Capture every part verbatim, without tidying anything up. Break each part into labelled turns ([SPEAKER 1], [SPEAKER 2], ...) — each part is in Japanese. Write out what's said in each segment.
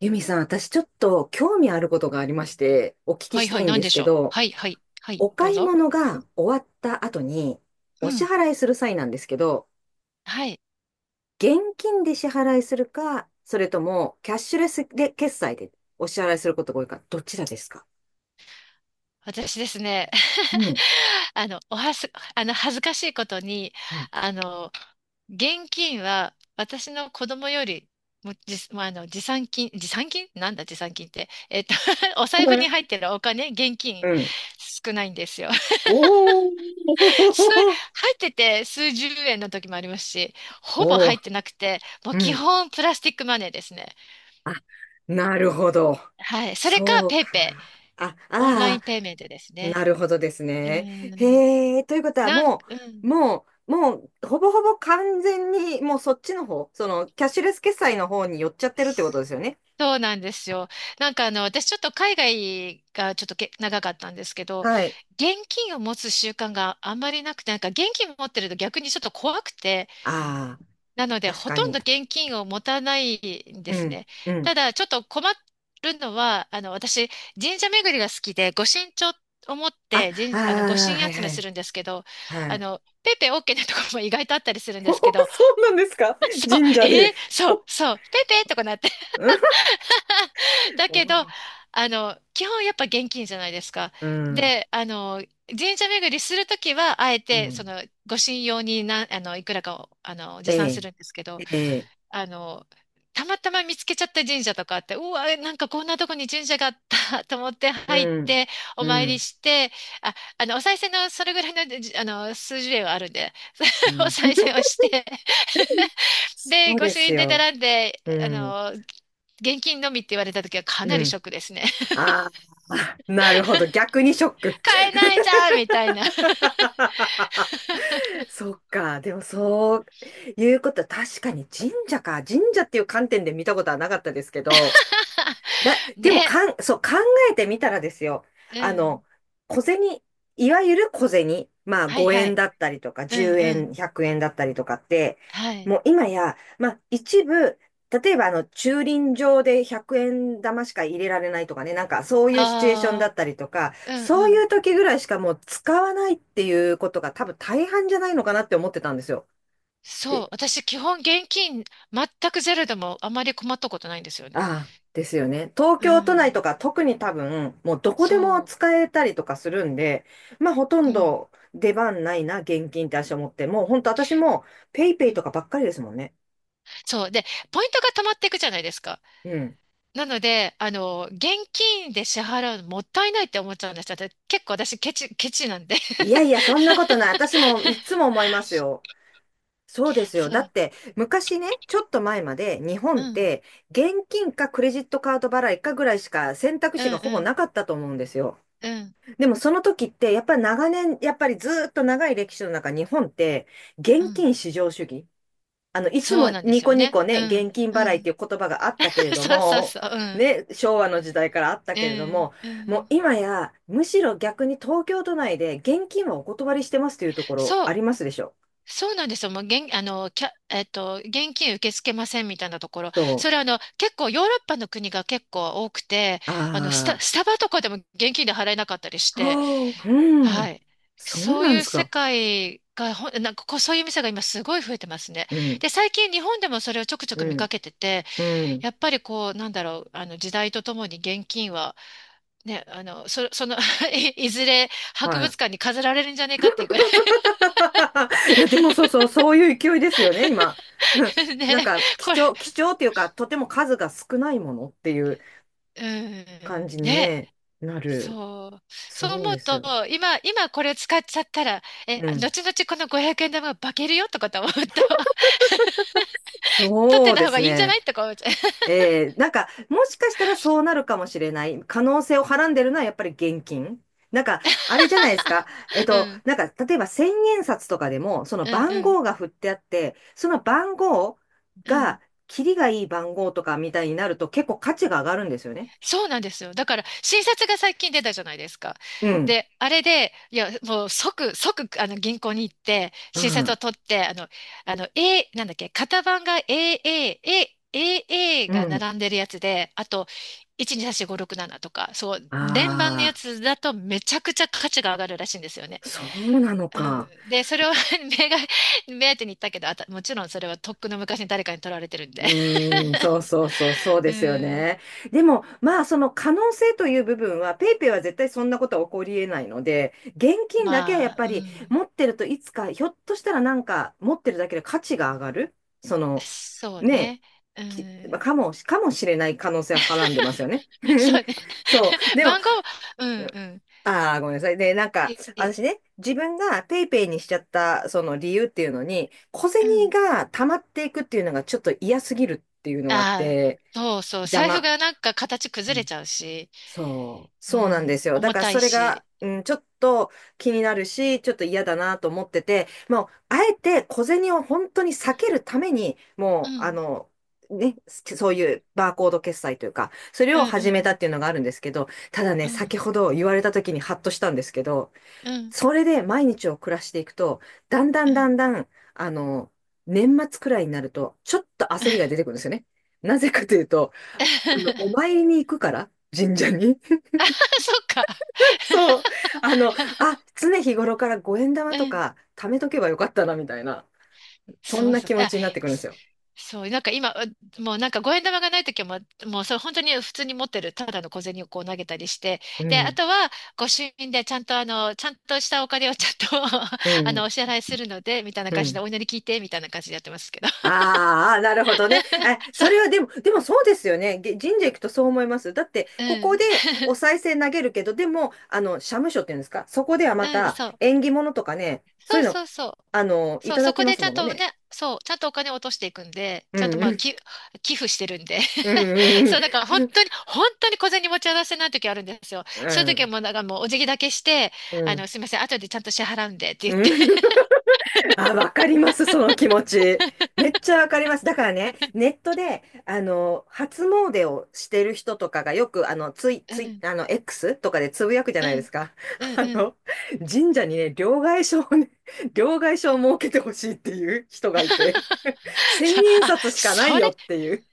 [SPEAKER 1] ユミさん、私ちょっと興味あることがありまして、お聞き
[SPEAKER 2] は
[SPEAKER 1] し
[SPEAKER 2] いは
[SPEAKER 1] た
[SPEAKER 2] い、
[SPEAKER 1] いん
[SPEAKER 2] なん
[SPEAKER 1] で
[SPEAKER 2] で
[SPEAKER 1] す
[SPEAKER 2] し
[SPEAKER 1] け
[SPEAKER 2] ょう。
[SPEAKER 1] ど、
[SPEAKER 2] はいはい、はい、
[SPEAKER 1] お
[SPEAKER 2] どう
[SPEAKER 1] 買い
[SPEAKER 2] ぞ。
[SPEAKER 1] 物が終わった後に、
[SPEAKER 2] う
[SPEAKER 1] お支
[SPEAKER 2] ん、
[SPEAKER 1] 払いする際なんですけど、
[SPEAKER 2] はい。
[SPEAKER 1] 現金で支払いするか、それともキャッシュレスで決済でお支払いすることが多いか、どちらですか？
[SPEAKER 2] 私ですね、
[SPEAKER 1] うん。
[SPEAKER 2] あの、おはす、あの、恥ずかしいことに、
[SPEAKER 1] はい。
[SPEAKER 2] あの、現金は私の子供よりもじ、まあ、あの持参金、持参金なんだ持参金って。えっと、お財布に入 ってるお金、現金
[SPEAKER 1] うん。
[SPEAKER 2] 少ないんですよ。
[SPEAKER 1] おおー
[SPEAKER 2] 数、入ってて数十円の時もありますし、ほぼ
[SPEAKER 1] おお、
[SPEAKER 2] 入ってなくて、もう
[SPEAKER 1] う
[SPEAKER 2] 基
[SPEAKER 1] ん。
[SPEAKER 2] 本プラスティックマネーですね。
[SPEAKER 1] あ、なるほど。
[SPEAKER 2] はい。それか
[SPEAKER 1] そう
[SPEAKER 2] ペイ
[SPEAKER 1] か。
[SPEAKER 2] ペイ。
[SPEAKER 1] あ、
[SPEAKER 2] オンライ
[SPEAKER 1] あ
[SPEAKER 2] ンペイメントですね。
[SPEAKER 1] なるほどです
[SPEAKER 2] う
[SPEAKER 1] ね。
[SPEAKER 2] ん。
[SPEAKER 1] へえ、ということは
[SPEAKER 2] なん、
[SPEAKER 1] も
[SPEAKER 2] う
[SPEAKER 1] う、
[SPEAKER 2] ん。
[SPEAKER 1] もう、もう、ほぼほぼ完全に、もうそっちの方、その、キャッシュレス決済の方に寄っちゃってるってことですよね。
[SPEAKER 2] そうなんですよ。なんかあの、私ちょっと海外がちょっとけ長かったんですけど、
[SPEAKER 1] はい。
[SPEAKER 2] 現金を持つ習慣があんまりなくて、なんか現金持ってると逆にちょっと怖くて、
[SPEAKER 1] ああ、
[SPEAKER 2] なので
[SPEAKER 1] 確
[SPEAKER 2] ほ
[SPEAKER 1] か
[SPEAKER 2] とん
[SPEAKER 1] に。
[SPEAKER 2] ど現金を持たないんで
[SPEAKER 1] う
[SPEAKER 2] す
[SPEAKER 1] ん、
[SPEAKER 2] ね。
[SPEAKER 1] う
[SPEAKER 2] た
[SPEAKER 1] ん。
[SPEAKER 2] だちょっと困るのは、あの、私神社巡りが好きで、御神帳を持っ
[SPEAKER 1] あ、
[SPEAKER 2] て
[SPEAKER 1] ああ、
[SPEAKER 2] 神、あの、御神
[SPEAKER 1] はい
[SPEAKER 2] 集
[SPEAKER 1] は
[SPEAKER 2] めす
[SPEAKER 1] い、
[SPEAKER 2] るんですけど、
[SPEAKER 1] は
[SPEAKER 2] あ
[SPEAKER 1] い。
[SPEAKER 2] の、ペイペイ OK なところも意外とあったりする ん
[SPEAKER 1] そ
[SPEAKER 2] ですけど、
[SPEAKER 1] うなんですか？
[SPEAKER 2] そう、
[SPEAKER 1] 神
[SPEAKER 2] え
[SPEAKER 1] 社で。
[SPEAKER 2] ーそう、そう、ペイペイとかなって。だ
[SPEAKER 1] お
[SPEAKER 2] けど、
[SPEAKER 1] ー
[SPEAKER 2] あの、基本やっぱ現金じゃないですか。
[SPEAKER 1] うん、
[SPEAKER 2] で、あの、神社巡りするときは、あえ
[SPEAKER 1] う
[SPEAKER 2] て、そ
[SPEAKER 1] ん。
[SPEAKER 2] の、ご神用にな、あの、いくらかを、あの、持
[SPEAKER 1] え
[SPEAKER 2] 参す
[SPEAKER 1] え、
[SPEAKER 2] るんですけど、
[SPEAKER 1] ええ、
[SPEAKER 2] あの、たまたま見つけちゃった神社とかあって、うわ、なんかこんなとこに神社があった と思って
[SPEAKER 1] う
[SPEAKER 2] 入っ
[SPEAKER 1] ん、
[SPEAKER 2] て、お
[SPEAKER 1] う
[SPEAKER 2] 参り
[SPEAKER 1] ん、
[SPEAKER 2] して、あ、あの、お賽銭のそれぐらいの、じあの、数十円はあるんで、
[SPEAKER 1] う
[SPEAKER 2] お
[SPEAKER 1] ん。
[SPEAKER 2] 賽銭を して
[SPEAKER 1] そ
[SPEAKER 2] で、
[SPEAKER 1] う
[SPEAKER 2] 御
[SPEAKER 1] で
[SPEAKER 2] 朱
[SPEAKER 1] す
[SPEAKER 2] 印で
[SPEAKER 1] よ。
[SPEAKER 2] 並んで、
[SPEAKER 1] う
[SPEAKER 2] あ
[SPEAKER 1] ん、
[SPEAKER 2] の、現金のみって言われた時はか
[SPEAKER 1] う
[SPEAKER 2] なりシ
[SPEAKER 1] ん。
[SPEAKER 2] ョックですね。
[SPEAKER 1] ああ、なるほど。逆にショック。
[SPEAKER 2] 買えないじゃんみたいな。
[SPEAKER 1] そっか。でもそういうこと、確かに神社か。神社っていう観点で見たことはなかったですけど、だ、でも
[SPEAKER 2] ね。
[SPEAKER 1] かん、そう、考えてみたらですよ。
[SPEAKER 2] う
[SPEAKER 1] あの、
[SPEAKER 2] ん。
[SPEAKER 1] 小銭、いわゆる小銭、まあ
[SPEAKER 2] はい
[SPEAKER 1] 5
[SPEAKER 2] は
[SPEAKER 1] 円
[SPEAKER 2] い。
[SPEAKER 1] だったりとか
[SPEAKER 2] うん
[SPEAKER 1] 10
[SPEAKER 2] う
[SPEAKER 1] 円、
[SPEAKER 2] ん。
[SPEAKER 1] ひゃくえんだったりとかって、
[SPEAKER 2] はい。
[SPEAKER 1] もう今や、まあ一部、例えばあの駐輪場でひゃくえん玉しか入れられないとかね、なんかそういうシチュエーションだ
[SPEAKER 2] ああ、
[SPEAKER 1] ったりとか、
[SPEAKER 2] うん
[SPEAKER 1] そ
[SPEAKER 2] う
[SPEAKER 1] うい
[SPEAKER 2] ん。
[SPEAKER 1] う時ぐらいしかもう使わないっていうことが多分大半じゃないのかなって思ってたんですよ。
[SPEAKER 2] そ
[SPEAKER 1] で
[SPEAKER 2] う。私、基本現金全くゼロでもあまり困ったことないんですよね。
[SPEAKER 1] ああ、ですよね。東
[SPEAKER 2] う
[SPEAKER 1] 京都内
[SPEAKER 2] ん。
[SPEAKER 1] とか特に多分、もうどこでも
[SPEAKER 2] そ
[SPEAKER 1] 使えたりとかするんで、まあほと
[SPEAKER 2] う。
[SPEAKER 1] ん
[SPEAKER 2] うん。
[SPEAKER 1] ど出番ないな、現金って私は思って、もう本当私もペイ
[SPEAKER 2] う
[SPEAKER 1] ペイと
[SPEAKER 2] ん。
[SPEAKER 1] かばっかりですもんね。
[SPEAKER 2] そう。で、ポイントが溜まっていくじゃないですか。
[SPEAKER 1] うん。
[SPEAKER 2] なので、あの、現金で支払うのもったいないって思っちゃうんですよ。だって結構私ケチ、ケチなんで。
[SPEAKER 1] いやいや、そんなことない。私もいつも思いますよ。そうですよ。
[SPEAKER 2] そ
[SPEAKER 1] だ
[SPEAKER 2] う。
[SPEAKER 1] って、昔ね、ちょっと前まで日
[SPEAKER 2] う
[SPEAKER 1] 本っ
[SPEAKER 2] ん。
[SPEAKER 1] て、現金かクレジットカード払いかぐらいしか選択
[SPEAKER 2] う
[SPEAKER 1] 肢
[SPEAKER 2] ん
[SPEAKER 1] がほぼ
[SPEAKER 2] うん
[SPEAKER 1] なかったと思うんですよ。
[SPEAKER 2] うん
[SPEAKER 1] でもその時って、やっぱり長年、やっぱりずーっと長い歴史の中、日本って、
[SPEAKER 2] う
[SPEAKER 1] 現
[SPEAKER 2] ん。
[SPEAKER 1] 金至上主義。あの、いつ
[SPEAKER 2] そう
[SPEAKER 1] も
[SPEAKER 2] なんで
[SPEAKER 1] ニ
[SPEAKER 2] す
[SPEAKER 1] コ
[SPEAKER 2] よ
[SPEAKER 1] ニ
[SPEAKER 2] ね。
[SPEAKER 1] コ
[SPEAKER 2] う
[SPEAKER 1] ね、
[SPEAKER 2] ん
[SPEAKER 1] 現金
[SPEAKER 2] う
[SPEAKER 1] 払いって
[SPEAKER 2] ん。
[SPEAKER 1] いう言葉があったけれ ど
[SPEAKER 2] そうそう
[SPEAKER 1] も、
[SPEAKER 2] そう。うん。
[SPEAKER 1] ね、昭和の時代からあった
[SPEAKER 2] う
[SPEAKER 1] けれど
[SPEAKER 2] ん
[SPEAKER 1] も、
[SPEAKER 2] う
[SPEAKER 1] もう
[SPEAKER 2] ん。
[SPEAKER 1] 今や、むしろ逆に東京都内で現金はお断りしてますというところ
[SPEAKER 2] そ
[SPEAKER 1] あ
[SPEAKER 2] う。
[SPEAKER 1] りますでしょ。
[SPEAKER 2] そうなんですよ。もう現、あの、キャ、えっと、現金受け付けませんみたいなところ。
[SPEAKER 1] そ
[SPEAKER 2] それあの、結構ヨーロッパの国が結構多くて、
[SPEAKER 1] う。
[SPEAKER 2] あの、スタ、
[SPEAKER 1] あ
[SPEAKER 2] スタバとかでも現金で払えなかったりし
[SPEAKER 1] あ、
[SPEAKER 2] て、
[SPEAKER 1] はあう
[SPEAKER 2] は
[SPEAKER 1] ん。
[SPEAKER 2] い。
[SPEAKER 1] そう
[SPEAKER 2] そう
[SPEAKER 1] なんで
[SPEAKER 2] いう
[SPEAKER 1] す
[SPEAKER 2] 世
[SPEAKER 1] か。
[SPEAKER 2] 界が、ほん、なんかこう、そういう店が今すごい増えてますね。
[SPEAKER 1] うん、
[SPEAKER 2] で、最近日本でもそれをちょくちょ
[SPEAKER 1] う
[SPEAKER 2] く見
[SPEAKER 1] ん、
[SPEAKER 2] かけてて、
[SPEAKER 1] うん。
[SPEAKER 2] やっぱりこう、なんだろう、あの時代とともに現金は、ね、あの、そ、その い、いずれ博
[SPEAKER 1] は
[SPEAKER 2] 物館に飾られるんじゃねえかっていうくら
[SPEAKER 1] い。いや、でもそうそう、そういう勢いですよね、今。
[SPEAKER 2] い
[SPEAKER 1] なん
[SPEAKER 2] ね、
[SPEAKER 1] か、貴
[SPEAKER 2] これ、
[SPEAKER 1] 重、貴重っていうか、とても数が少ないものっていう
[SPEAKER 2] うん、
[SPEAKER 1] 感じに
[SPEAKER 2] ね、
[SPEAKER 1] ね、なる。
[SPEAKER 2] そう、そう
[SPEAKER 1] そう
[SPEAKER 2] 思う
[SPEAKER 1] ですよ。
[SPEAKER 2] と、今、今これ使っちゃったら、え、
[SPEAKER 1] うん。
[SPEAKER 2] 後々このごひゃくえん玉が化けるよとかと思うと、取っ
[SPEAKER 1] そ
[SPEAKER 2] て
[SPEAKER 1] う
[SPEAKER 2] た
[SPEAKER 1] で
[SPEAKER 2] 方が
[SPEAKER 1] す
[SPEAKER 2] いいんじゃな
[SPEAKER 1] ね。
[SPEAKER 2] いとか思っちゃ
[SPEAKER 1] えー、なんか、もしかしたらそうなるかもしれない。可能性をはらんでるのはやっぱり現金。なんか、あれじゃないですか。えっ
[SPEAKER 2] う。う
[SPEAKER 1] と、
[SPEAKER 2] ん、
[SPEAKER 1] なんか、例えば千円札とかでも、その
[SPEAKER 2] うん、う
[SPEAKER 1] 番
[SPEAKER 2] ん、
[SPEAKER 1] 号が振ってあって、その番号
[SPEAKER 2] うん。
[SPEAKER 1] が、キリがいい番号とかみたいになると結構価値が上がるんですよね。
[SPEAKER 2] そうなんですよ。だから、新札が最近出たじゃないですか。
[SPEAKER 1] うん。
[SPEAKER 2] で、あれで、いや、もう即、即、あの、銀行に行って、
[SPEAKER 1] う
[SPEAKER 2] 新札を
[SPEAKER 1] ん。
[SPEAKER 2] 取って、あの、あの、A、なんだっけ、型番が エーエー、A、エーエー
[SPEAKER 1] う
[SPEAKER 2] が
[SPEAKER 1] ん。
[SPEAKER 2] 並んでるやつで、あと、いちにさんよんごろくななとか、そう、
[SPEAKER 1] あ
[SPEAKER 2] 連番のや
[SPEAKER 1] あ。
[SPEAKER 2] つだとめちゃくちゃ価値が上がるらしいんですよね。
[SPEAKER 1] そうなの
[SPEAKER 2] う
[SPEAKER 1] か。
[SPEAKER 2] ん、で、それを 目が、目当てに行ったけど、あた、もちろんそれはとっくの昔に誰かに取られてるんで。
[SPEAKER 1] うーん、そうそうそう、そう で
[SPEAKER 2] う
[SPEAKER 1] すよ
[SPEAKER 2] ん、
[SPEAKER 1] ね。でも、まあ、その可能性という部分は、ペイペイは絶対そんなことは起こり得ないので、現金だけはや
[SPEAKER 2] ま
[SPEAKER 1] っ
[SPEAKER 2] あ、
[SPEAKER 1] ぱ
[SPEAKER 2] う
[SPEAKER 1] り
[SPEAKER 2] ん。
[SPEAKER 1] 持ってるといつか、ひょっとしたらなんか持ってるだけで価値が上がる、その、
[SPEAKER 2] そう
[SPEAKER 1] ね、
[SPEAKER 2] ね。う
[SPEAKER 1] き
[SPEAKER 2] ん。
[SPEAKER 1] まあかも、かもしれない可能性をはらんでますよね。
[SPEAKER 2] そうね。
[SPEAKER 1] そう。でも、
[SPEAKER 2] 番号、うんうん。
[SPEAKER 1] ああ、ごめんなさい。で、なんか、
[SPEAKER 2] いい
[SPEAKER 1] 私ね、自分がペイペイにしちゃった、その理由っていうのに、小
[SPEAKER 2] う
[SPEAKER 1] 銭
[SPEAKER 2] ん。
[SPEAKER 1] が溜まっていくっていうのがちょっと嫌すぎるっていうのがあっ
[SPEAKER 2] ああ、
[SPEAKER 1] て、
[SPEAKER 2] そうそう。
[SPEAKER 1] 邪
[SPEAKER 2] 財布
[SPEAKER 1] 魔。
[SPEAKER 2] がなんか形
[SPEAKER 1] う
[SPEAKER 2] 崩れ
[SPEAKER 1] ん
[SPEAKER 2] ちゃうし、
[SPEAKER 1] そう、
[SPEAKER 2] う
[SPEAKER 1] そうなんで
[SPEAKER 2] ん。
[SPEAKER 1] すよ。だ
[SPEAKER 2] 重
[SPEAKER 1] から
[SPEAKER 2] た
[SPEAKER 1] そ
[SPEAKER 2] い
[SPEAKER 1] れ
[SPEAKER 2] し。
[SPEAKER 1] が、うん、ちょっと気になるし、ちょっと嫌だなと思ってて、もう、あえて小銭を本当に避けるために、
[SPEAKER 2] う
[SPEAKER 1] もう、あ
[SPEAKER 2] ん。
[SPEAKER 1] の、ね、そういうバーコード決済というか、それ
[SPEAKER 2] う
[SPEAKER 1] を
[SPEAKER 2] んうん
[SPEAKER 1] 始
[SPEAKER 2] う
[SPEAKER 1] めた
[SPEAKER 2] ん。
[SPEAKER 1] っていうのがあるんですけど、ただね、
[SPEAKER 2] うん
[SPEAKER 1] 先ほど言われた時にハッとしたんですけど、
[SPEAKER 2] うん
[SPEAKER 1] それで毎日を暮らしていくと、だんだ
[SPEAKER 2] う
[SPEAKER 1] んだ
[SPEAKER 2] ん。
[SPEAKER 1] んだん、あの、年末くらいになると、ちょっと焦りが出てくるんですよね。なぜかというと、あの、お参りに行くから、神社に。
[SPEAKER 2] そっか。
[SPEAKER 1] そう。あの、あ、常日頃からごえんだま
[SPEAKER 2] う
[SPEAKER 1] と
[SPEAKER 2] ん
[SPEAKER 1] か貯めとけばよかったな、みたいな、そ
[SPEAKER 2] そ
[SPEAKER 1] ん
[SPEAKER 2] う
[SPEAKER 1] な
[SPEAKER 2] そう。
[SPEAKER 1] 気持
[SPEAKER 2] あ、
[SPEAKER 1] ちになってくるんです
[SPEAKER 2] す
[SPEAKER 1] よ。
[SPEAKER 2] そう、なんか今、うもうなんか五円玉がないときはもう、もうそれ本当に普通に持ってる、ただの小銭をこう投げたりして、
[SPEAKER 1] う
[SPEAKER 2] で、あ
[SPEAKER 1] ん、
[SPEAKER 2] とはご朱印でちゃんとあの、ちゃんとしたお金をちゃんと
[SPEAKER 1] う
[SPEAKER 2] あの、
[SPEAKER 1] ん、
[SPEAKER 2] お支払いするので、みたいな
[SPEAKER 1] う
[SPEAKER 2] 感じで、
[SPEAKER 1] ん。
[SPEAKER 2] お祈り聞いて、みたいな感じでやってますけど。
[SPEAKER 1] ああ、なるほどね。え、
[SPEAKER 2] そう、
[SPEAKER 1] それはでも、でもそうですよね。げ神社行くとそう思います。だって、
[SPEAKER 2] う
[SPEAKER 1] ここ
[SPEAKER 2] ん、
[SPEAKER 1] でお賽銭投げるけど、でも、あの、社務所っていうんですか、そこではま
[SPEAKER 2] うん、
[SPEAKER 1] た
[SPEAKER 2] そう、
[SPEAKER 1] 縁起物とかね、そう
[SPEAKER 2] そ
[SPEAKER 1] い
[SPEAKER 2] う
[SPEAKER 1] うの、
[SPEAKER 2] そうそう。
[SPEAKER 1] あの、い
[SPEAKER 2] そう、
[SPEAKER 1] た
[SPEAKER 2] そ
[SPEAKER 1] だき
[SPEAKER 2] こ
[SPEAKER 1] ま
[SPEAKER 2] で
[SPEAKER 1] す
[SPEAKER 2] ちゃん
[SPEAKER 1] もの
[SPEAKER 2] と
[SPEAKER 1] ね。
[SPEAKER 2] ね、そう、ちゃんとお金を落としていくんで、
[SPEAKER 1] う
[SPEAKER 2] ちゃんと
[SPEAKER 1] ん
[SPEAKER 2] まあ、
[SPEAKER 1] うん。
[SPEAKER 2] き、寄付してるんで。
[SPEAKER 1] う んう
[SPEAKER 2] そ
[SPEAKER 1] ん
[SPEAKER 2] う、だから本当に、本当に小銭持ち合わせない時あるんですよ。
[SPEAKER 1] う
[SPEAKER 2] そういう
[SPEAKER 1] ん。う
[SPEAKER 2] 時は
[SPEAKER 1] ん。
[SPEAKER 2] もう、なんかもうお辞儀だけして、
[SPEAKER 1] う
[SPEAKER 2] あの、
[SPEAKER 1] ん。
[SPEAKER 2] すいません、後でちゃんと支払うんでって言
[SPEAKER 1] う
[SPEAKER 2] って。
[SPEAKER 1] ん。あ、わかります、その気持ち。めっちゃわかります。だからね、ネットで、あの、初詣をしてる人とかがよく、あの、ツイ、
[SPEAKER 2] う
[SPEAKER 1] ツイ、
[SPEAKER 2] ん、
[SPEAKER 1] あの、エックス とかでつぶやくじゃ
[SPEAKER 2] う
[SPEAKER 1] ないで
[SPEAKER 2] ん、
[SPEAKER 1] すか。
[SPEAKER 2] うん、
[SPEAKER 1] あ
[SPEAKER 2] うん。
[SPEAKER 1] の、神社にね、両替所をね、両替所を設けてほしいっていう人がいて、千
[SPEAKER 2] そう
[SPEAKER 1] 円
[SPEAKER 2] あ、
[SPEAKER 1] 札しかな
[SPEAKER 2] そ
[SPEAKER 1] い
[SPEAKER 2] れ、
[SPEAKER 1] よっていう。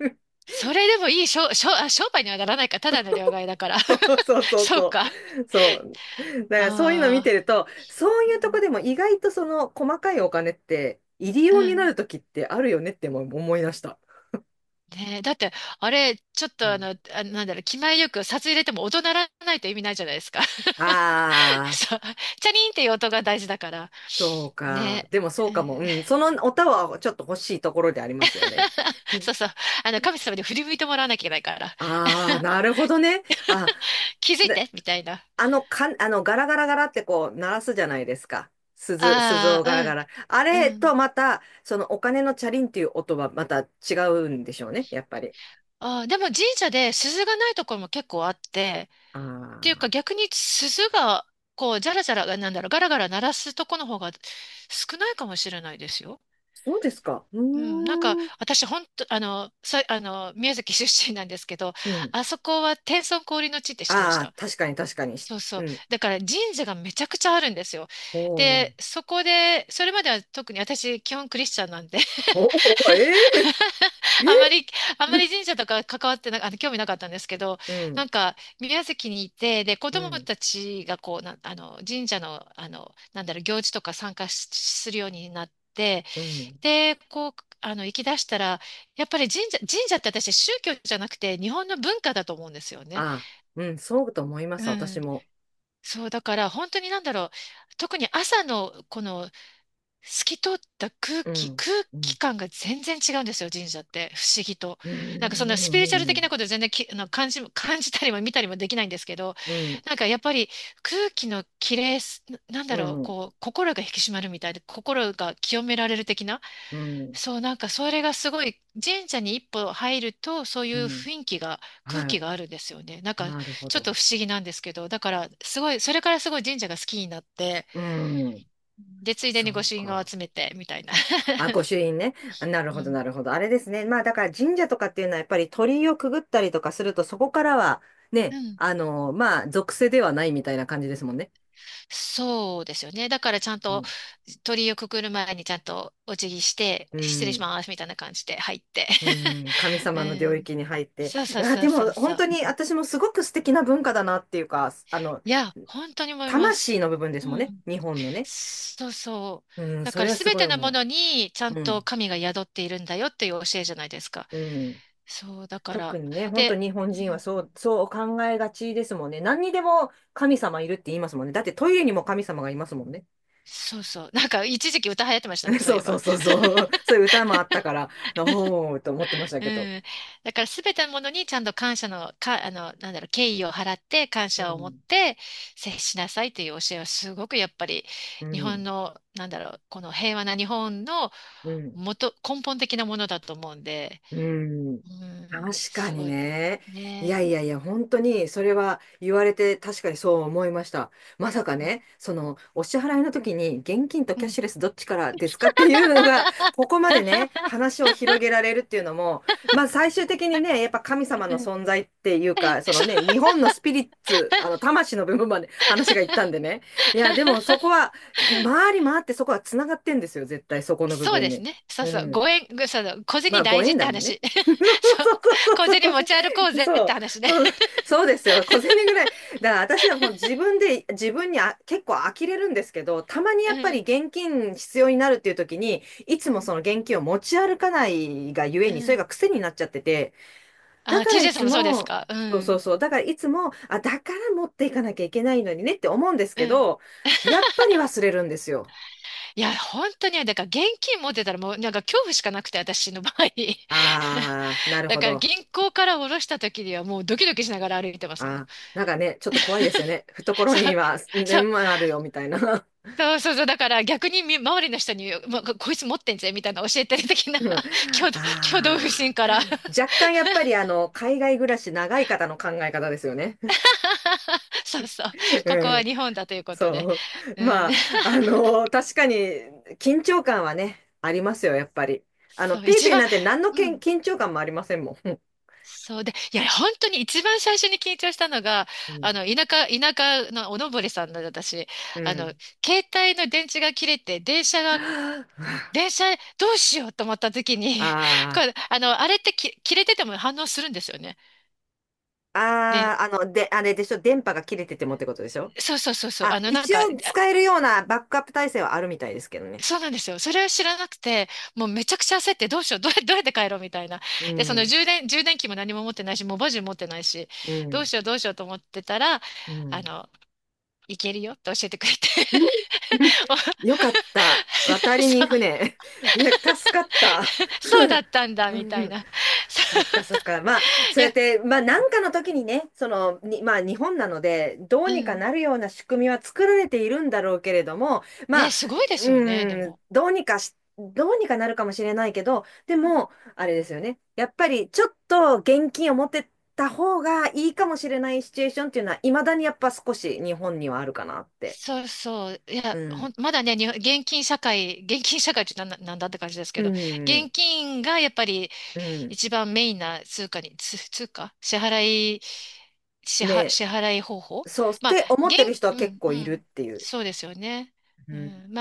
[SPEAKER 2] それでもいい商、商、あ、商売にはならないか、ただの両替だから。
[SPEAKER 1] そうそう そう
[SPEAKER 2] そう
[SPEAKER 1] そ
[SPEAKER 2] か。
[SPEAKER 1] う。そう。だからそういうの見て
[SPEAKER 2] あ
[SPEAKER 1] ると、そう
[SPEAKER 2] あ。う
[SPEAKER 1] いうとこ
[SPEAKER 2] ん。
[SPEAKER 1] でも意外とその細かいお金って、入り
[SPEAKER 2] う
[SPEAKER 1] 用にな
[SPEAKER 2] ん
[SPEAKER 1] るときってあるよねっても思い出した。
[SPEAKER 2] ねえ、だって、あれ、ちょっとあの、あ、なんだろう、気前よく札入れても音鳴らないと意味ないじゃないですか。
[SPEAKER 1] ああ、
[SPEAKER 2] そう、チャリンっていう音が大事だから。
[SPEAKER 1] そうか。
[SPEAKER 2] ね
[SPEAKER 1] でもそう
[SPEAKER 2] え。う
[SPEAKER 1] かも。う
[SPEAKER 2] ん
[SPEAKER 1] ん。そのおたはちょっと欲しいところでありますよね。
[SPEAKER 2] そうそう。あの、神様に振り向いてもらわなきゃいけないから。
[SPEAKER 1] ああ、なるほどね。あ、
[SPEAKER 2] 気づい
[SPEAKER 1] で、
[SPEAKER 2] てみたいな。
[SPEAKER 1] あの、かあの、ガラガラガラってこう、鳴らすじゃないですか。鈴、鈴
[SPEAKER 2] あ
[SPEAKER 1] をガ
[SPEAKER 2] あ、
[SPEAKER 1] ラガラ。あ
[SPEAKER 2] うん、う
[SPEAKER 1] れと
[SPEAKER 2] ん。
[SPEAKER 1] また、そのお金のチャリンっていう音はまた違うんでしょうね、やっぱり。
[SPEAKER 2] ああ、でも神社で鈴がないところも結構あって、
[SPEAKER 1] あ
[SPEAKER 2] っていうか
[SPEAKER 1] あ、
[SPEAKER 2] 逆に鈴が、こう、じゃらじゃら、なんだろう、ガラガラ鳴らすとこの方が少ないかもしれないですよ。
[SPEAKER 1] そうですか。うー
[SPEAKER 2] うん、なんか
[SPEAKER 1] ん。
[SPEAKER 2] 私本当あのさあの宮崎出身なんですけど
[SPEAKER 1] うん。
[SPEAKER 2] あそこは天孫降臨の地って知ってまし
[SPEAKER 1] ああ、
[SPEAKER 2] た
[SPEAKER 1] 確かに確かに。し
[SPEAKER 2] そうそ
[SPEAKER 1] う
[SPEAKER 2] う
[SPEAKER 1] ん。
[SPEAKER 2] だから神社がめちゃくちゃあるんですよ
[SPEAKER 1] おー
[SPEAKER 2] でそこでそれまでは特に私基本クリスチャンなんで
[SPEAKER 1] おー、えええ
[SPEAKER 2] あまりあま
[SPEAKER 1] え
[SPEAKER 2] り神社とか関わってなあの興味なかったんですけど
[SPEAKER 1] う
[SPEAKER 2] な
[SPEAKER 1] ん、
[SPEAKER 2] んか宮崎にいてで子
[SPEAKER 1] う
[SPEAKER 2] 供
[SPEAKER 1] ん、
[SPEAKER 2] たちがこうなあの神社の、あのなんだろう行事とか参加しするようになって。
[SPEAKER 1] うん。
[SPEAKER 2] で、こう、あの、行き出したら、やっぱり神社、神社って私宗教じゃなくて日本の文化だと思うんですよね。
[SPEAKER 1] あ、うん、そうと思いま
[SPEAKER 2] う
[SPEAKER 1] す、私
[SPEAKER 2] ん。
[SPEAKER 1] も。
[SPEAKER 2] そう、だから本当になんだろう。特に朝のこの透き通った空
[SPEAKER 1] う
[SPEAKER 2] 気、
[SPEAKER 1] ん、
[SPEAKER 2] 空
[SPEAKER 1] うん、
[SPEAKER 2] 気感が全然違うんですよ、神社って。不思議と。
[SPEAKER 1] う
[SPEAKER 2] なんかそんなスピリチュアル
[SPEAKER 1] ん、
[SPEAKER 2] 的なこと全然き、あの感じ、感じたりも見たりもできないんですけど、
[SPEAKER 1] うん、
[SPEAKER 2] なんかやっぱり空気の綺麗す、ななんだ
[SPEAKER 1] う
[SPEAKER 2] ろう、
[SPEAKER 1] ん、
[SPEAKER 2] こう、心が引き締まるみたいで、心が清められる的な。
[SPEAKER 1] うん、
[SPEAKER 2] そう、なんかそれがすごい、神社に一歩入ると、そうい
[SPEAKER 1] う
[SPEAKER 2] う
[SPEAKER 1] ん、
[SPEAKER 2] 雰囲気が、空気
[SPEAKER 1] は
[SPEAKER 2] があるんですよね。なん
[SPEAKER 1] い、
[SPEAKER 2] か、
[SPEAKER 1] なるほ
[SPEAKER 2] ちょっと
[SPEAKER 1] ど。
[SPEAKER 2] 不思議なんですけど、だから、すごい、それからすごい神社が好きになって、
[SPEAKER 1] うん、
[SPEAKER 2] で、ついで
[SPEAKER 1] そ
[SPEAKER 2] に御
[SPEAKER 1] う
[SPEAKER 2] 朱印を
[SPEAKER 1] か。
[SPEAKER 2] 集めて、みたいな。
[SPEAKER 1] あ、御 朱印ね。なる
[SPEAKER 2] う
[SPEAKER 1] ほど、
[SPEAKER 2] ん。
[SPEAKER 1] なるほど。あれですね。まあ、だから神社とかっていうのは、やっぱり鳥居をくぐったりとかすると、そこからは、
[SPEAKER 2] う
[SPEAKER 1] ね、
[SPEAKER 2] ん。
[SPEAKER 1] あの、まあ、属性ではないみたいな感じですもんね。
[SPEAKER 2] そうですよね。だからちゃん
[SPEAKER 1] う
[SPEAKER 2] と
[SPEAKER 1] ん、
[SPEAKER 2] 鳥居をくくる前にちゃんとお辞儀して、
[SPEAKER 1] う
[SPEAKER 2] 失礼し
[SPEAKER 1] ん
[SPEAKER 2] ますみたいな感じで入って。
[SPEAKER 1] うん、神
[SPEAKER 2] う
[SPEAKER 1] 様の領
[SPEAKER 2] ん。
[SPEAKER 1] 域に入っ て。
[SPEAKER 2] そうそう
[SPEAKER 1] い
[SPEAKER 2] そ
[SPEAKER 1] で
[SPEAKER 2] うそ
[SPEAKER 1] も
[SPEAKER 2] うそ
[SPEAKER 1] 本当
[SPEAKER 2] う。
[SPEAKER 1] に私もすごく素敵な文化だなっていうか、あの、
[SPEAKER 2] いや、本当に思いま
[SPEAKER 1] 魂
[SPEAKER 2] す。
[SPEAKER 1] の部分です
[SPEAKER 2] う
[SPEAKER 1] もんね。
[SPEAKER 2] ん。
[SPEAKER 1] 日本のね。
[SPEAKER 2] そうそう。
[SPEAKER 1] うん、
[SPEAKER 2] だ
[SPEAKER 1] そ
[SPEAKER 2] か
[SPEAKER 1] れ
[SPEAKER 2] ら
[SPEAKER 1] は
[SPEAKER 2] す
[SPEAKER 1] す
[SPEAKER 2] べ
[SPEAKER 1] ごい
[SPEAKER 2] てのも
[SPEAKER 1] 思
[SPEAKER 2] のにちゃん
[SPEAKER 1] う。う
[SPEAKER 2] と
[SPEAKER 1] ん。
[SPEAKER 2] 神が宿っているんだよっていう教えじゃないですか。
[SPEAKER 1] うん。
[SPEAKER 2] そう、だか
[SPEAKER 1] 特
[SPEAKER 2] ら。
[SPEAKER 1] にね、本当
[SPEAKER 2] で、
[SPEAKER 1] 日本
[SPEAKER 2] う
[SPEAKER 1] 人はそ
[SPEAKER 2] ん
[SPEAKER 1] う、そう考えがちですもんね。何にでも神様いるって言いますもんね。だってトイレにも神様がいますもんね。
[SPEAKER 2] そうそう。なんか一時期歌流行ってましたね、そう
[SPEAKER 1] そ
[SPEAKER 2] い
[SPEAKER 1] う
[SPEAKER 2] え
[SPEAKER 1] そう
[SPEAKER 2] ば。
[SPEAKER 1] そうそう。そういう歌もあったから、おーと思ってました
[SPEAKER 2] う
[SPEAKER 1] けど。
[SPEAKER 2] ん。だからすべてのものにちゃんと感謝の、か、あの、なんだろう、敬意を払って感
[SPEAKER 1] う
[SPEAKER 2] 謝を持っ
[SPEAKER 1] ん。
[SPEAKER 2] て接しなさいっていう教えはすごくやっぱり
[SPEAKER 1] う
[SPEAKER 2] 日本
[SPEAKER 1] ん。
[SPEAKER 2] の、なんだろう、この平和な日本の
[SPEAKER 1] うん。
[SPEAKER 2] 元、根本的なものだと思うんで、
[SPEAKER 1] うん。
[SPEAKER 2] うん、
[SPEAKER 1] 確か
[SPEAKER 2] す
[SPEAKER 1] に
[SPEAKER 2] ごい。
[SPEAKER 1] ね。いや
[SPEAKER 2] ね。
[SPEAKER 1] いやいや、本当に、それは言われて確かにそう思いました。まさかね、その、お支払いの時に、現金と
[SPEAKER 2] う
[SPEAKER 1] キャッ
[SPEAKER 2] ん
[SPEAKER 1] シュレスどっちからですかっていうのが、ここまでね、話を広げられるっていうのも、まあ最終的にね、やっぱ神様
[SPEAKER 2] う
[SPEAKER 1] の
[SPEAKER 2] ん
[SPEAKER 1] 存在っていうか、その
[SPEAKER 2] そう
[SPEAKER 1] ね、日本のスピリッツ、あの、魂の部分まで話がいったんでね。いや、でもそこは、回り回ってそこは繋がってんですよ、絶対そこの部
[SPEAKER 2] そう
[SPEAKER 1] 分
[SPEAKER 2] です
[SPEAKER 1] に。
[SPEAKER 2] ね。そう
[SPEAKER 1] う
[SPEAKER 2] そう。ご
[SPEAKER 1] ん。
[SPEAKER 2] 縁、ぐその、小
[SPEAKER 1] ま
[SPEAKER 2] 銭
[SPEAKER 1] あ、ご
[SPEAKER 2] 大事っ
[SPEAKER 1] 縁
[SPEAKER 2] て
[SPEAKER 1] だもんね。
[SPEAKER 2] 話。
[SPEAKER 1] そう
[SPEAKER 2] そう。
[SPEAKER 1] そうそう
[SPEAKER 2] 小
[SPEAKER 1] そう、そう、
[SPEAKER 2] 銭
[SPEAKER 1] 小
[SPEAKER 2] 持
[SPEAKER 1] 銭
[SPEAKER 2] ち歩こうぜっ
[SPEAKER 1] そ
[SPEAKER 2] て
[SPEAKER 1] う、
[SPEAKER 2] 話ね。
[SPEAKER 1] このそうですよ、小銭ぐらい。だから私はもう自分で、自分にあ結構呆れるんですけど、たまにや
[SPEAKER 2] う
[SPEAKER 1] っぱり
[SPEAKER 2] ん、
[SPEAKER 1] 現金必要になるっていう時に、いつ
[SPEAKER 2] う
[SPEAKER 1] もそ
[SPEAKER 2] ん、
[SPEAKER 1] の現金を持ち歩かないがゆえ
[SPEAKER 2] う
[SPEAKER 1] に、それ
[SPEAKER 2] ん。
[SPEAKER 1] が癖になっちゃってて、だ
[SPEAKER 2] あ、
[SPEAKER 1] からい
[SPEAKER 2] ティージェー さん
[SPEAKER 1] つ
[SPEAKER 2] もそうです
[SPEAKER 1] も、
[SPEAKER 2] かう
[SPEAKER 1] そうそ
[SPEAKER 2] ん、
[SPEAKER 1] うそう、だからいつも、あ、だから持っていかなきゃいけないのにねって思うんです
[SPEAKER 2] う
[SPEAKER 1] け
[SPEAKER 2] ん。
[SPEAKER 1] ど、やっぱり忘れるんですよ。
[SPEAKER 2] いや、本当にね、だから現金持ってたらもう、なんか恐怖しかなくて、私の場合。
[SPEAKER 1] あー、な る
[SPEAKER 2] だ
[SPEAKER 1] ほ
[SPEAKER 2] から
[SPEAKER 1] ど。
[SPEAKER 2] 銀行から下ろした時にはもうドキドキしながら歩いてますもん。
[SPEAKER 1] あ、なんかね、ちょっと怖いですよね。懐
[SPEAKER 2] そ
[SPEAKER 1] に
[SPEAKER 2] う、
[SPEAKER 1] は
[SPEAKER 2] そう。
[SPEAKER 1] 年万ああるよ、みたいな。
[SPEAKER 2] そうそうそう。だから逆にみ周りの人に、まこいつ持ってんぜ、みたいな教えてる的な
[SPEAKER 1] うんあ
[SPEAKER 2] 挙動、挙動不
[SPEAKER 1] あ、
[SPEAKER 2] 審から
[SPEAKER 1] 若干やっぱりあの、海外暮らし長い方の考え方ですよね。
[SPEAKER 2] そうそう。ここ
[SPEAKER 1] う
[SPEAKER 2] は
[SPEAKER 1] ん、
[SPEAKER 2] 日本だということで。
[SPEAKER 1] そう。
[SPEAKER 2] うん。
[SPEAKER 1] まあ、あの、確かに緊張感はね、ありますよ、やっぱり。あの、
[SPEAKER 2] そう、
[SPEAKER 1] ペイ
[SPEAKER 2] 一
[SPEAKER 1] ペイ
[SPEAKER 2] 番、
[SPEAKER 1] なんて何のけ
[SPEAKER 2] う
[SPEAKER 1] ん
[SPEAKER 2] ん。
[SPEAKER 1] 緊張感もありませんもん。
[SPEAKER 2] そうで、いや、本当に一番最初に緊張したのが、
[SPEAKER 1] うん。
[SPEAKER 2] あの、田舎、田舎のおのぼりさんの私、
[SPEAKER 1] う
[SPEAKER 2] あの、
[SPEAKER 1] ん
[SPEAKER 2] 携帯の電池が切れて、電車が、電車どうしようと思った時に、
[SPEAKER 1] あ
[SPEAKER 2] これ、あの、あれってき切れてても反応するんですよね。
[SPEAKER 1] あ、
[SPEAKER 2] で
[SPEAKER 1] ああ、あの、で、あれでしょ、電波が切れててもってことでしょ？
[SPEAKER 2] そうそうそうそう。
[SPEAKER 1] あ、
[SPEAKER 2] あの、なん
[SPEAKER 1] 一
[SPEAKER 2] か、あ
[SPEAKER 1] 応使えるようなバックアップ体制はあるみたいですけどね。
[SPEAKER 2] そうなんですよ。それを知らなくて、もうめちゃくちゃ焦って、どうしよう、どうや、どうやって帰ろうみたいな。
[SPEAKER 1] う
[SPEAKER 2] で、その
[SPEAKER 1] ん、
[SPEAKER 2] 充電、充電器も何も持ってないし、モバジュ持ってないし、
[SPEAKER 1] う
[SPEAKER 2] どう
[SPEAKER 1] ん、
[SPEAKER 2] しよう、どうしようと思ってたら、
[SPEAKER 1] う
[SPEAKER 2] あ
[SPEAKER 1] ん。
[SPEAKER 2] の、いけるよって教えてくれて、お そ
[SPEAKER 1] よかった。渡りに
[SPEAKER 2] う、
[SPEAKER 1] 船。いや、助かった。
[SPEAKER 2] そうだっ たんだ、みたいな。そ
[SPEAKER 1] そっかそっか。まあ、そ
[SPEAKER 2] うい
[SPEAKER 1] うやっ
[SPEAKER 2] や、
[SPEAKER 1] て、まあ、なんかの時にね、その、に、まあ、日本なので、どう
[SPEAKER 2] う
[SPEAKER 1] にか
[SPEAKER 2] ん。
[SPEAKER 1] なるような仕組みは作られているんだろうけれども、ま
[SPEAKER 2] ね、
[SPEAKER 1] あ、
[SPEAKER 2] すごいですよね、で
[SPEAKER 1] うん、
[SPEAKER 2] も。
[SPEAKER 1] どうにかし、どうにかなるかもしれないけど、で
[SPEAKER 2] うん
[SPEAKER 1] も、あれですよね。やっぱり、ちょっと現金を持ってった方がいいかもしれないシチュエーションっていうのは、未だにやっぱ少し日本にはあるかなって。
[SPEAKER 2] そうそう。い
[SPEAKER 1] う
[SPEAKER 2] や、
[SPEAKER 1] ん、
[SPEAKER 2] ほん、まだね、日本現金社会、現金社会ってなんな、なんだって感じですけ
[SPEAKER 1] う
[SPEAKER 2] ど、
[SPEAKER 1] ん、
[SPEAKER 2] 現金がやっぱり
[SPEAKER 1] うん。
[SPEAKER 2] 一番メインな通貨に、つ通貨支払い、支払、
[SPEAKER 1] ね、
[SPEAKER 2] 支払い方法
[SPEAKER 1] そうっ
[SPEAKER 2] まあ、
[SPEAKER 1] て思っ
[SPEAKER 2] 現、
[SPEAKER 1] てる人は
[SPEAKER 2] う
[SPEAKER 1] 結
[SPEAKER 2] ん、う
[SPEAKER 1] 構いるっ
[SPEAKER 2] ん。
[SPEAKER 1] ていう。
[SPEAKER 2] そうですよね。
[SPEAKER 1] う
[SPEAKER 2] うん、
[SPEAKER 1] ん
[SPEAKER 2] まあ